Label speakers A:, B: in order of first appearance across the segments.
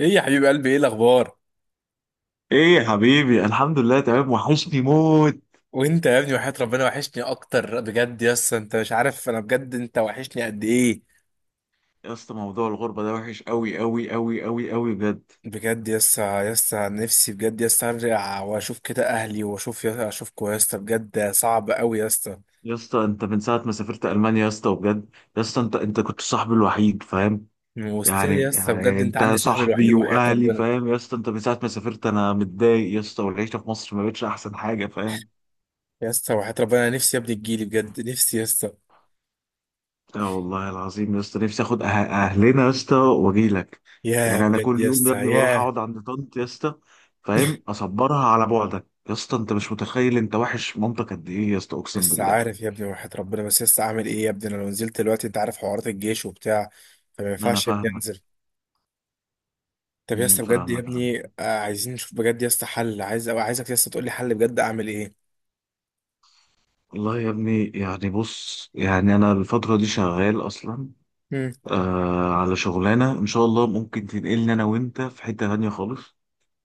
A: ايه يا حبيب قلبي، ايه الاخبار؟
B: ايه يا حبيبي، الحمد لله تمام، وحشني موت.
A: وانت يا ابني، وحياة ربنا وحشني اكتر، بجد يسا انت مش عارف انا بجد انت وحشني قد ايه.
B: يا اسطى، موضوع الغربه ده وحش قوي قوي قوي قوي قوي بجد.
A: بجد يسا، يسا نفسي بجد يسا ارجع واشوف كده اهلي واشوف يسا، اشوفكوا يسا، بجد صعب قوي يسا.
B: يا اسطى، انت من ساعه ما سافرت المانيا يا اسطى وبجد. يا اسطى، انت كنت صاحبي الوحيد، فاهم؟
A: وستيل
B: يعني
A: يسا، بجد
B: يعني
A: انت
B: انت
A: عندي صاحبي الوحيد
B: صاحبي
A: وحياة
B: واهلي،
A: ربنا.
B: فاهم؟ يا اسطى، انت من ساعه ما سافرت انا متضايق يا اسطى، والعيشه في مصر ما بقتش احسن حاجه، فاهم؟
A: يسا وحياة ربنا نفسي يا ابني تجيلي، بجد نفسي يسا.
B: اه والله العظيم يا اسطى، نفسي اخد اهلنا يا اسطى واجي لك.
A: ياه
B: يعني انا
A: بجد
B: كل يوم يا
A: يسا،
B: ابني بروح
A: ياه.
B: اقعد عند طنط يا اسطى. فاهم، اصبرها على بعدك. يا اسطى، انت مش متخيل انت وحش مامتك قد ايه يا اسطى، اقسم
A: لسه
B: بالله.
A: عارف يا ابني وحياة ربنا، بس لسه اعمل ايه يا ابني؟ انا لو نزلت دلوقتي انت عارف حوارات الجيش وبتاع، فما
B: انا
A: ينفعش يا ابني
B: فاهمك.
A: انزل. طب يا اسطى، بجد يا
B: فاهمك يا عم.
A: ابني، عايزين نشوف بجد يا اسطى حل، عايز أو عايزك يا اسطى تقول لي حل بجد، اعمل ايه؟
B: والله يا ابني، يعني بص، يعني انا الفتره دي شغال اصلا.
A: امم.
B: على شغلانه ان شاء الله ممكن تنقلني انا وانت في حته تانيه خالص.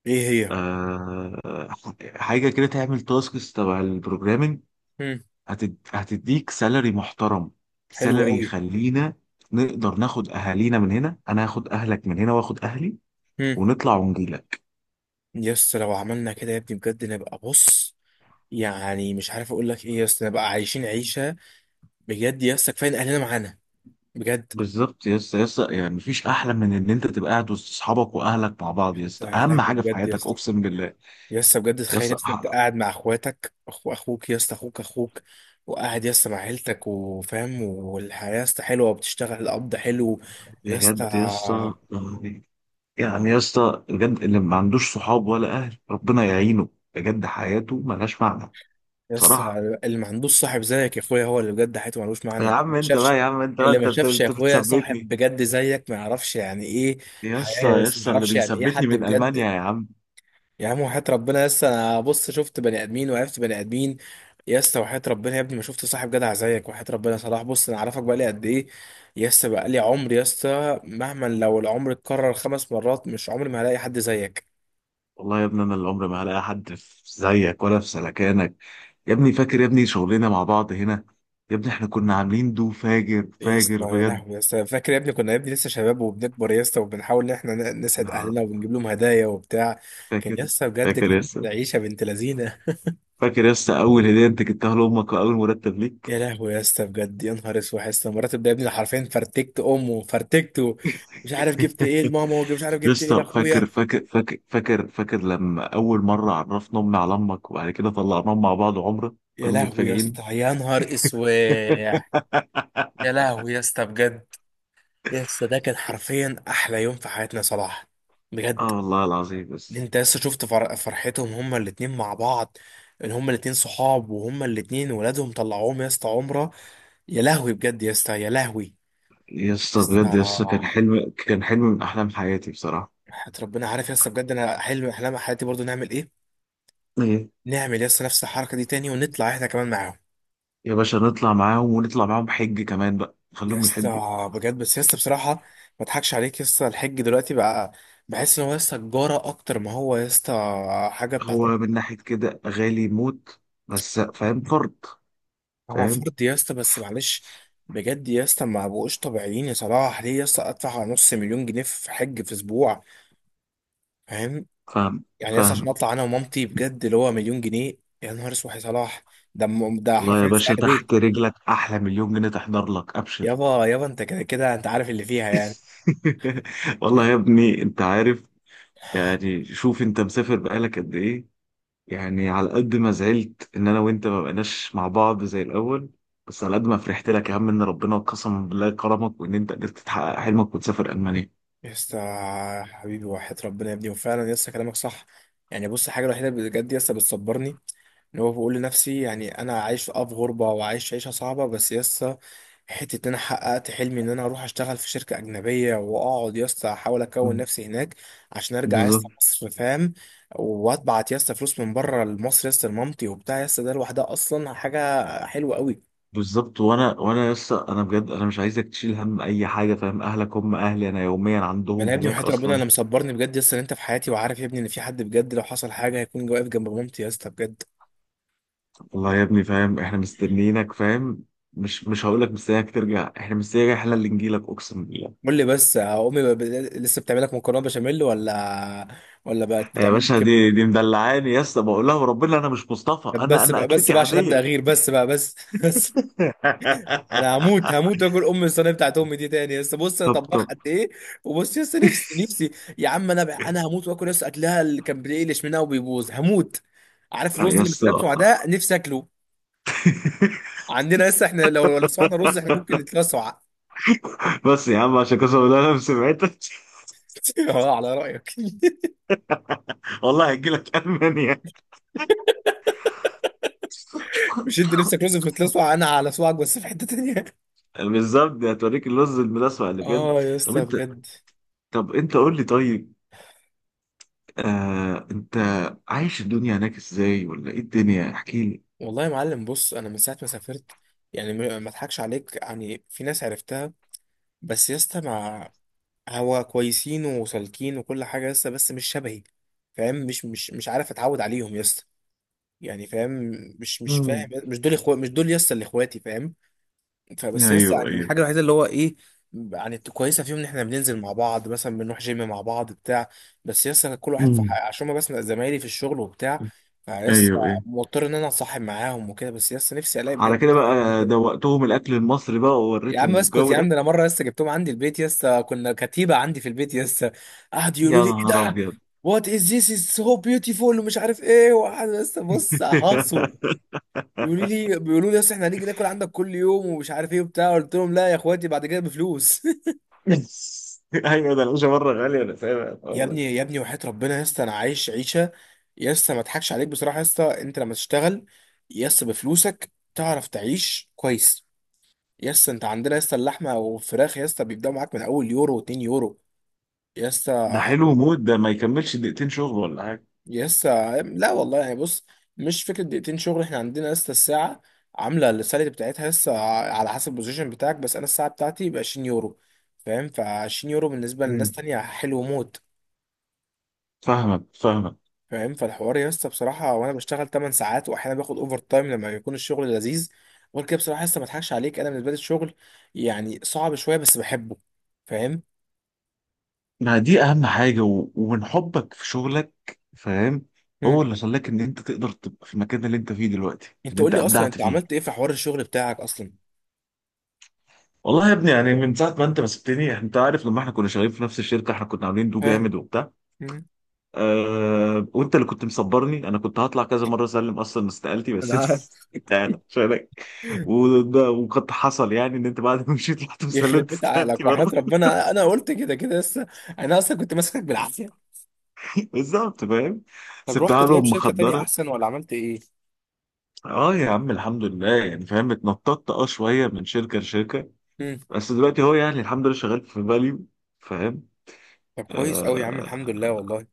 A: ايه هي؟
B: آه حاجه كده تعمل تاسكس تبع البروجرامينج.
A: امم.
B: هتديك سالري محترم.
A: حلو
B: سالري
A: قوي.
B: يخلينا نقدر ناخد اهالينا من هنا، انا هاخد اهلك من هنا واخد اهلي
A: امم.
B: ونطلع ونجيلك.
A: يا اسطى لو عملنا كده يا ابني بجد نبقى بص، يعني مش عارف اقول لك ايه يا اسطى، نبقى عايشين عيشه. بجد يا اسطى كفايه إن اهلنا معانا، بجد.
B: بالظبط يا اسطى، يا اسطى يعني مفيش احلى من ان انت تبقى قاعد وسط اصحابك واهلك مع بعض. يا اسطى،
A: يا
B: اهم
A: لهوي
B: حاجه في
A: بجد يا
B: حياتك،
A: اسطى.
B: اقسم بالله.
A: يا اسطى بجد
B: يا
A: تخيل يا
B: اسطى،
A: اسطى انت قاعد مع اخواتك، اخو اخوك يا اسطى، اخوك اخوك، وقاعد يا اسطى مع عيلتك وفاهم، والحياه يا اسطى حلوه وبتشتغل، القبض حلو. يا اسطى
B: بجد يا اسطى يعني. يعني يا اسطى بجد، اللي ما عندوش صحاب ولا اهل ربنا يعينه. بجد حياته ملهاش معنى.
A: بس،
B: بصراحه.
A: اللي ما عندوش صاحب زيك يا اخويا هو اللي بجد حياته ملوش معنى،
B: يا
A: اللي ما
B: عم انت
A: شافش،
B: بقى، يا عم انت بقى،
A: اللي
B: انت
A: ما
B: انت
A: شافش يا
B: أنت
A: اخويا صاحب
B: بتثبتني.
A: بجد زيك ما يعرفش يعني ايه
B: يا اسطى،
A: حياة،
B: يا
A: بس ما
B: اسطى اللي
A: يعرفش يعني ايه
B: بيثبتني
A: حد
B: من المانيا
A: بجد.
B: يا عم.
A: يا عم وحياة ربنا يس، انا بص شفت بني ادمين وعرفت بني ادمين، يس وحياة ربنا يا ابني ما شفت صاحب جدع زيك، وحياة ربنا صلاح بص انا عارفك بقالي قد ايه، يس بقالي عمر يس، مهما لو العمر اتكرر 5 مرات مش عمري ما هلاقي حد زيك.
B: والله يا ابني، انا اللي عمري ما هلاقي حد في زيك ولا في سلكانك. يا ابني فاكر يا ابني شغلنا مع بعض هنا. يا ابني احنا كنا عاملين دو فاجر
A: يا اسطى
B: فاجر
A: يا
B: بجد.
A: لهوي يا اسطى، فاكر يا ابني كنا يا ابني لسه شباب وبنكبر يا اسطى، وبنحاول ان احنا نسعد
B: لا.
A: اهلنا وبنجيب لهم هدايا وبتاع. كان يا
B: فاكر.
A: اسطى بجد
B: فاكر يا
A: كانت
B: اسطى.
A: عيشه بنت لذينه.
B: فاكر يا اسطى، اول هديه انت جبتها لامك واول مرتب ليك.
A: يا لهوي يا اسطى، بجد يا نهار اسود يا اسطى، مرات ده يا ابني حرفيا فرتكت امه فرتكته، مش عارف جبت ايه لماما ومش عارف
B: يا
A: جبت ايه
B: اسطى
A: لاخويا.
B: فاكر فاكر فاكر فاكر فاكر لما اول مره عرفنا امي على امك وبعد كده طلعناهم مع بعض عمره.
A: يا
B: كانوا
A: لهوي يا اسطى
B: متفاجئين.
A: يا نهار اسود. يا لهوي يا اسطى بجد. يا اسطى ده كان حرفيا احلى يوم في حياتنا يا صلاح، بجد.
B: اه والله العظيم بس.
A: انت لسه شفت فرحتهم هما الاتنين مع بعض، ان هما الاتنين صحاب وهما الاتنين ولادهم طلعوهم يا اسطى عمرة. يا لهوي بجد يا اسطى، يا لهوي.
B: يا
A: يا
B: اسطى بجد، يا اسطى كان
A: اسطى
B: حلم، كان حلم من احلام حياتي بصراحه.
A: حياة ربنا عارف يا اسطى، بجد انا حلم من احلام حياتي برضو، نعمل ايه؟
B: ايه.
A: نعمل يا اسطى نفس الحركة دي تاني، ونطلع احنا كمان معاهم.
B: يا باشا نطلع معاهم، ونطلع معاهم حج كمان بقى،
A: يا
B: خليهم
A: اسطى.
B: يحجوا.
A: بجد بس يا اسطى بصراحة ما اضحكش عليك يا اسطى، الحج دلوقتي بقى بحس ان هو يا اسطى تجارة اكتر ما هو يا اسطى حاجة بتاعت.
B: هو من ناحيه كده غالي موت. بس فاهم فرض.
A: هو
B: فاهم.
A: فرد يا اسطى بس معلش. بجد يا اسطى ما بقوش طبيعيين يا صلاح، ليه يا اسطى ادفع على نص مليون جنيه في حج في اسبوع؟ فاهم؟
B: فاهم.
A: يعني يا اسطى عشان
B: فاهم.
A: اطلع انا ومامتي بجد اللي هو مليون جنيه. يا نهار اسود يا صلاح. ده ده
B: والله يا
A: حرفيا سعر
B: باشا،
A: بيت.
B: تحت رجلك احلى مليون جنيه تحضر لك، ابشر.
A: يابا يابا، انت كده كده انت عارف اللي فيها يعني.
B: والله يا ابني انت عارف. يعني شوف، انت مسافر بقالك قد ايه. يعني على قد ما زعلت ان انا وانت ما بقناش مع بعض زي الاول، بس على قد ما فرحت لك يا عم، ان ربنا قسما بالله كرمك، وان انت قدرت تحقق حلمك وتسافر المانيا.
A: يا اسطى حبيبي، وحياة ربنا يا ابني، وفعلا يا اسطى كلامك صح. يعني بص، الحاجه الوحيده بجد يا اسطى بتصبرني، اللي هو بقول لنفسي يعني انا عايش في في غربه وعايش عيشه صعبه، بس يسا حته ان انا حققت حلمي ان انا اروح اشتغل في شركه اجنبيه، واقعد يسا احاول اكون
B: مم.
A: نفسي هناك عشان ارجع يسا
B: بالظبط.
A: مصر، فاهم؟ واتبعت يسا فلوس من بره لمصر يسا، لمامتي وبتاع يسا، ده لوحدها اصلا حاجه حلوه قوي.
B: بالظبط، وانا لسه انا بجد انا مش عايزك تشيل هم اي حاجه، فاهم؟ اهلك هم اهلي، انا يوميا
A: ما انا
B: عندهم
A: يا ابني
B: هناك
A: وحياة ربنا
B: اصلا.
A: انا مصبرني بجد يسا ان انت في حياتي، وعارف يا ابني ان في حد بجد لو حصل حاجه هيكون واقف جنب مامتي يسا، بجد.
B: والله يا ابني فاهم، احنا مستنيينك فاهم. مش هقول لك مستنيك ترجع، احنا مستنيك، احنا اللي نجيلك اقسم بالله.
A: قول لي بس، امي لسه بتعملك مكرونه بشاميل ولا ولا بقت
B: يا
A: بتعمل لك
B: باشا،
A: كبده؟
B: دي مدلعاني يا اسطى، بقول لها وربنا انا مش مصطفى،
A: طب
B: انا
A: بس
B: انا
A: بقى، بس
B: اكلتي
A: بقى عشان هبدأ
B: عاديه.
A: اغير، بس بقى بس بس. انا هموت هموت واكل ام الصينيه بتاعت امي دي تاني، لسه بص انا
B: طب
A: طباخ
B: طب.
A: قد ايه. وبص لسه نفسي نفسي. يا عم انا بقى، انا هموت واكل لسه اكلها اللي كان بيقلش منها وبيبوظ، هموت. عارف
B: آه
A: الرز
B: يا
A: اللي
B: اسطى.
A: متلسع ده نفسي اكله. عندنا لسه احنا لو لسعنا رز احنا ممكن نتلسع
B: بس يا عم، عشان قسما بالله انا سمعتك.
A: اه، على رايك
B: والله هجيلك المانيا.
A: مش انت نفسك رز في تلسع انا على سواك، بس في حته تانيه
B: بالظبط، دي هتوريك اللوز الملاسع اللي بجد.
A: اه يا
B: طب
A: اسطى
B: انت.
A: بجد.
B: طب انت قول لي، طيب. انت عايش الدنيا هناك ازاي، ولا ايه الدنيا احكي لي.
A: والله يا معلم بص، انا من ساعه ما سافرت يعني، ما اضحكش عليك، يعني في ناس عرفتها، بس يا اسطى مع، هو كويسين وسالكين وكل حاجه لسه، بس مش شبهي، فاهم؟ مش عارف اتعود عليهم يا اسطى. يعني فاهم، مش فاهم،
B: امم.
A: مش دول اخوات، مش دول يا اسطى اللي اخواتي، فاهم؟ فبس يا اسطى،
B: ايوه
A: يعني
B: ايوه.
A: الحاجه الوحيده اللي هو ايه، يعني كويسه فيهم، ان احنا بننزل مع بعض مثلا، بنروح جيم مع بعض بتاع، بس يا اسطى كل واحد في
B: امم.
A: عشان ما، بس زمايلي في الشغل وبتاع. فيا اسطى
B: ايوه ايوه.
A: مضطر ان انا اتصاحب معاهم وكده، بس يا اسطى نفسي الاقي
B: على
A: بجد
B: كده
A: حد
B: بقى
A: شبهي.
B: دوقتهم الاكل المصري بقى
A: يا عم
B: ووريتهم
A: اسكت
B: الجو
A: يا عم،
B: ده.
A: ده انا مره لسه جبتهم عندي البيت، لسه كنا كتيبه عندي في البيت لسه، قعدوا يقولوا
B: يا
A: لي ايه
B: نهار
A: ده،
B: ابيض.
A: وات از ذيس از سو بيوتيفول ومش عارف ايه، وقعد لسه بص اهاصوا، يقولوا لي بيقولوا لي اصل احنا هنيجي ناكل عندك كل يوم ومش عارف ايه وبتاع، قلت لهم لا يا اخواتي بعد كده بفلوس
B: ايوه، ده العيشه بره غاليه انا فاهم يا
A: يا
B: طارق.
A: ابني يا ابني وحياه ربنا لسه انا عايش عيشه، لسه ما اضحكش عليك بصراحه، لسه انت لما تشتغل لسه بفلوسك تعرف تعيش كويس، يس انت عندنا يس اللحمه والفراخ يس بيبداوا معاك من اول يورو و2 يورو،
B: ده
A: يسا.
B: حلو موت، ده ما يكملش دقيقتين شغل ولا حاجه.
A: يسا لا والله يعني بص، مش فكرة دقيقتين شغل، احنا عندنا لسه الساعة عاملة السالري بتاعتها لسه، على حسب البوزيشن بتاعك، بس انا الساعة بتاعتي ب 20 يورو، فاهم؟ ف 20 يورو بالنسبة لناس
B: مم.
A: تانية حلو موت،
B: فاهمك فاهمك.
A: فاهم؟ فالحوار يسا بصراحة، وانا بشتغل 8 ساعات واحيانا باخد اوفر تايم لما يكون الشغل لذيذ. غير كده بصراحة لسه ما اضحكش عليك، انا بالنسبة لي الشغل يعني صعب شوية بس بحبه، فاهم؟
B: ما دي اهم حاجه، ومن حبك في شغلك، فاهم، هو
A: مم.
B: اللي خلاك ان انت تقدر تبقى في المكان اللي انت فيه دلوقتي،
A: انت
B: اللي
A: قول
B: انت
A: لي اصلا،
B: ابدعت
A: انت
B: فيه.
A: عملت ايه في حوار الشغل بتاعك اصلا؟
B: والله يا ابني يعني من ساعه ما انت ما سبتني، انت عارف لما احنا كنا شغالين في نفس الشركه احنا كنا عاملين دو
A: فاهم
B: جامد وبتاع.
A: مم.
B: أه، وانت اللي كنت مصبرني، انا كنت هطلع كذا مره اسلم اصلا استقالتي بس
A: انا
B: انت.
A: عارف.
B: انت قاعد عشانك. وده وقد حصل يعني ان انت بعد ما مشيت رحت
A: يخرب
B: وسلمت
A: بيت
B: استقالتي
A: عقلك، وحياة
B: برضه.
A: ربنا انا قلت كده كده لسه، انا اصلا كنت ماسكك بالعافيه.
B: بالظبط، فاهم.
A: طب رحت
B: سبتها
A: طيب
B: لهم
A: شركه تانية
B: مخدره.
A: احسن ولا عملت ايه؟
B: اه يا عم الحمد لله، يعني فاهم اتنططت شويه من شركه لشركه.
A: امم.
B: بس دلوقتي هو يعني الحمد لله شغال في فاليو. فاهم.
A: طب كويس قوي يا عم،
B: أه.
A: الحمد لله والله.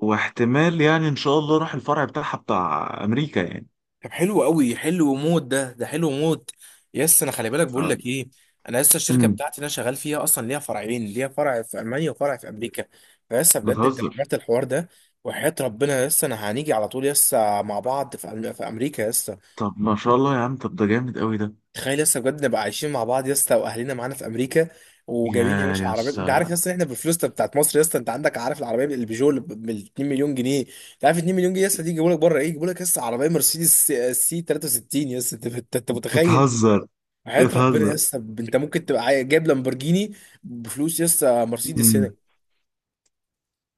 B: واحتمال يعني ان شاء الله راح الفرع بتاعها بتاع امريكا يعني.
A: طب حلو قوي، حلو موت ده، ده حلو موت. يس انا خلي بالك بقول
B: آه.
A: لك ايه، انا لسه الشركه
B: امم.
A: بتاعتي اللي انا شغال فيها اصلا ليها فرعين، ليها فرع في المانيا وفرع في امريكا. فلسه بجد انت لو
B: بتهزر.
A: عملت الحوار ده، وحياة ربنا لسه انا هنيجي على طول، لسه مع بعض في في امريكا لسه.
B: طب ما شاء الله يا عم، طب ده جامد قوي ده.
A: تخيل لسه بجد نبقى عايشين مع بعض يا اسطى، واهلنا معانا في امريكا، وجايبين يا
B: يا
A: باشا
B: يا
A: عربيات، انت عارف يا
B: اسطى.
A: اسطى احنا بالفلوس بتاعت مصر، يا اسطى انت عندك عارف العربيه البيجو اللي ب 2 مليون جنيه؟ انت عارف 2 مليون جنيه يا اسطى دي يجيبوا لك بره ايه؟ يجيبوا لك يا اسطى عربيه مرسيدس سي سي 63 يا اسطى، انت انت انت متخيل؟
B: بتهزر.
A: حياه ربنا يا
B: بتهزر.
A: اسطى، انت ممكن تبقى جايب لامبورجيني بفلوس يا اسطى مرسيدس هنا.
B: أمم،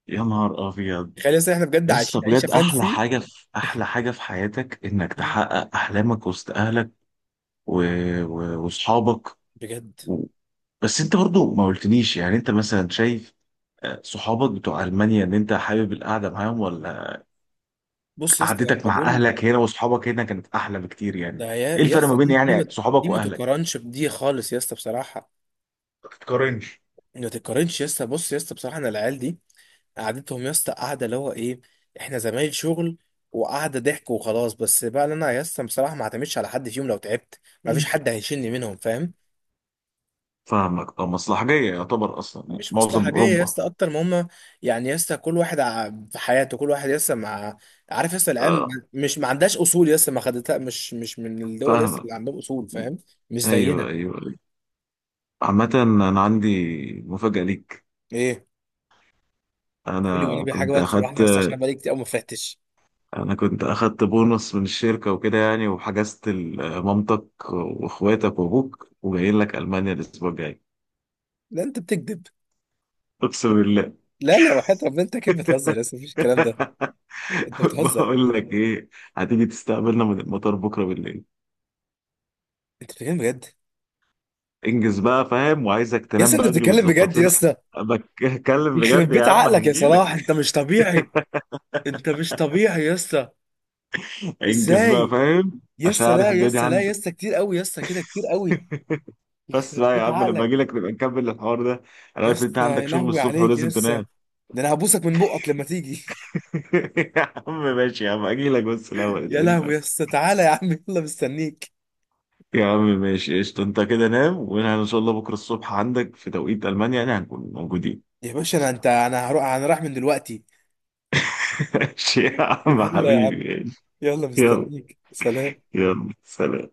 B: يا نهار ابيض.
A: تخيل يا اسطى احنا بجد
B: يا اسطى
A: عايشين عيشه
B: بجد،
A: فانسي.
B: احلى حاجه في حياتك انك تحقق احلامك وسط اهلك و... واصحابك.
A: بجد.
B: و... بس انت برضو ما قلتليش يعني انت مثلا شايف صحابك بتوع المانيا ان انت حابب القعده معاهم، ولا
A: بص يا اسطى هم
B: قعدتك مع
A: دول،
B: اهلك هنا واصحابك هنا كانت احلى بكتير
A: ده
B: يعني.
A: يا
B: ايه
A: يا
B: الفرق ما
A: اسطى
B: بين
A: دي
B: يعني
A: دي
B: صحابك
A: ما
B: واهلك؟
A: تقارنش بدي خالص يا اسطى بصراحه،
B: ما تتقارنش.
A: ما تتقارنش يا اسطى. بص يا اسطى بصراحه، انا العيال دي قعدتهم يا اسطى قاعده اللي هو ايه، احنا زمايل شغل وقعده ضحك وخلاص. بس بقى اللي انا يا اسطى بصراحه ما اعتمدش على حد فيهم، لو تعبت ما فيش حد هيشيلني منهم، فاهم؟
B: فاهمك، مصلحجية يعتبر أصلا يعني
A: مش مصلحه
B: معظم
A: جايه يا
B: أوروبا.
A: اسطى اكتر ما هم، يعني يا اسطى كل واحد في حياته، كل واحد يا اسطى مع، عارف يا اسطى
B: آه
A: العيال مش، ما عندهاش اصول يا اسطى، ما خدتها مش، مش من الدول يا اسطى
B: فاهمك.
A: اللي عندهم اصول، فاهم؟ مش
B: أيوه
A: زينا.
B: أيوه أيوه. عامة، أنا عندي مفاجأة ليك.
A: ايه؟ قولي
B: أنا
A: والنبي حاجه
B: كنت
A: بقى تفرحني
B: أخدت
A: يا اسطى، عشان انا بقالي كتير قوي ما فرحتش.
B: أنا كنت أخدت بونص من الشركة وكده يعني، وحجزت مامتك وإخواتك وأبوك، وجايين لك ألمانيا الأسبوع الجاي.
A: لا انت بتكذب.
B: أقسم بالله.
A: لا لا، وحياة ربنا انت اكيد بتهزر يا اسطى، مفيش الكلام ده. انت بتهزر.
B: بقول لك إيه، هتيجي تستقبلنا من المطار بكرة بالليل.
A: انت بتتكلم بجد
B: انجز بقى، فاهم، وعايزك
A: يا اسطى؟
B: تنام
A: انت
B: بدري
A: بتتكلم بجد
B: وتظبط
A: يا
B: لنا.
A: اسطى؟
B: بتكلم
A: يخرب
B: بجد يا
A: بيت
B: عم،
A: عقلك يا صلاح،
B: هنجيلك.
A: انت مش طبيعي، انت مش طبيعي يا اسطى.
B: انجز بقى
A: ازاي؟
B: فاهم
A: يا
B: عشان
A: اسطى
B: عارف
A: لا يا
B: الدنيا
A: اسطى، لا يا
B: عندك.
A: اسطى كتير قوي يا اسطى، كده كتير قوي.
B: بس
A: يخرب
B: بقى يا
A: بيت
B: عم، لما
A: عقلك.
B: اجي لك نبقى نكمل الحوار ده. انا
A: يا
B: عارف انت
A: اسطى
B: عندك
A: يا
B: شغل
A: لهوي
B: الصبح
A: عليك يا
B: ولازم
A: اسطى،
B: تنام.
A: ده انا هبوسك من بقك لما تيجي
B: يا عم ماشي، يا عم اجي لك بس الاول
A: يا لهوي يا
B: ادعيلنا.
A: اسطى، تعالى يا عم، يلا مستنيك.
B: يا عم ماشي، قشطة، انت كده نام وانا ان شاء الله بكره الصبح عندك في توقيت المانيا يعني هنكون موجودين.
A: يا باشا انا، انت انا هروح، انا رايح من دلوقتي.
B: ماشي يا عم
A: يلا يا عم،
B: حبيبي.
A: يلا
B: يلا.
A: مستنيك، سلام.
B: يلا سلام.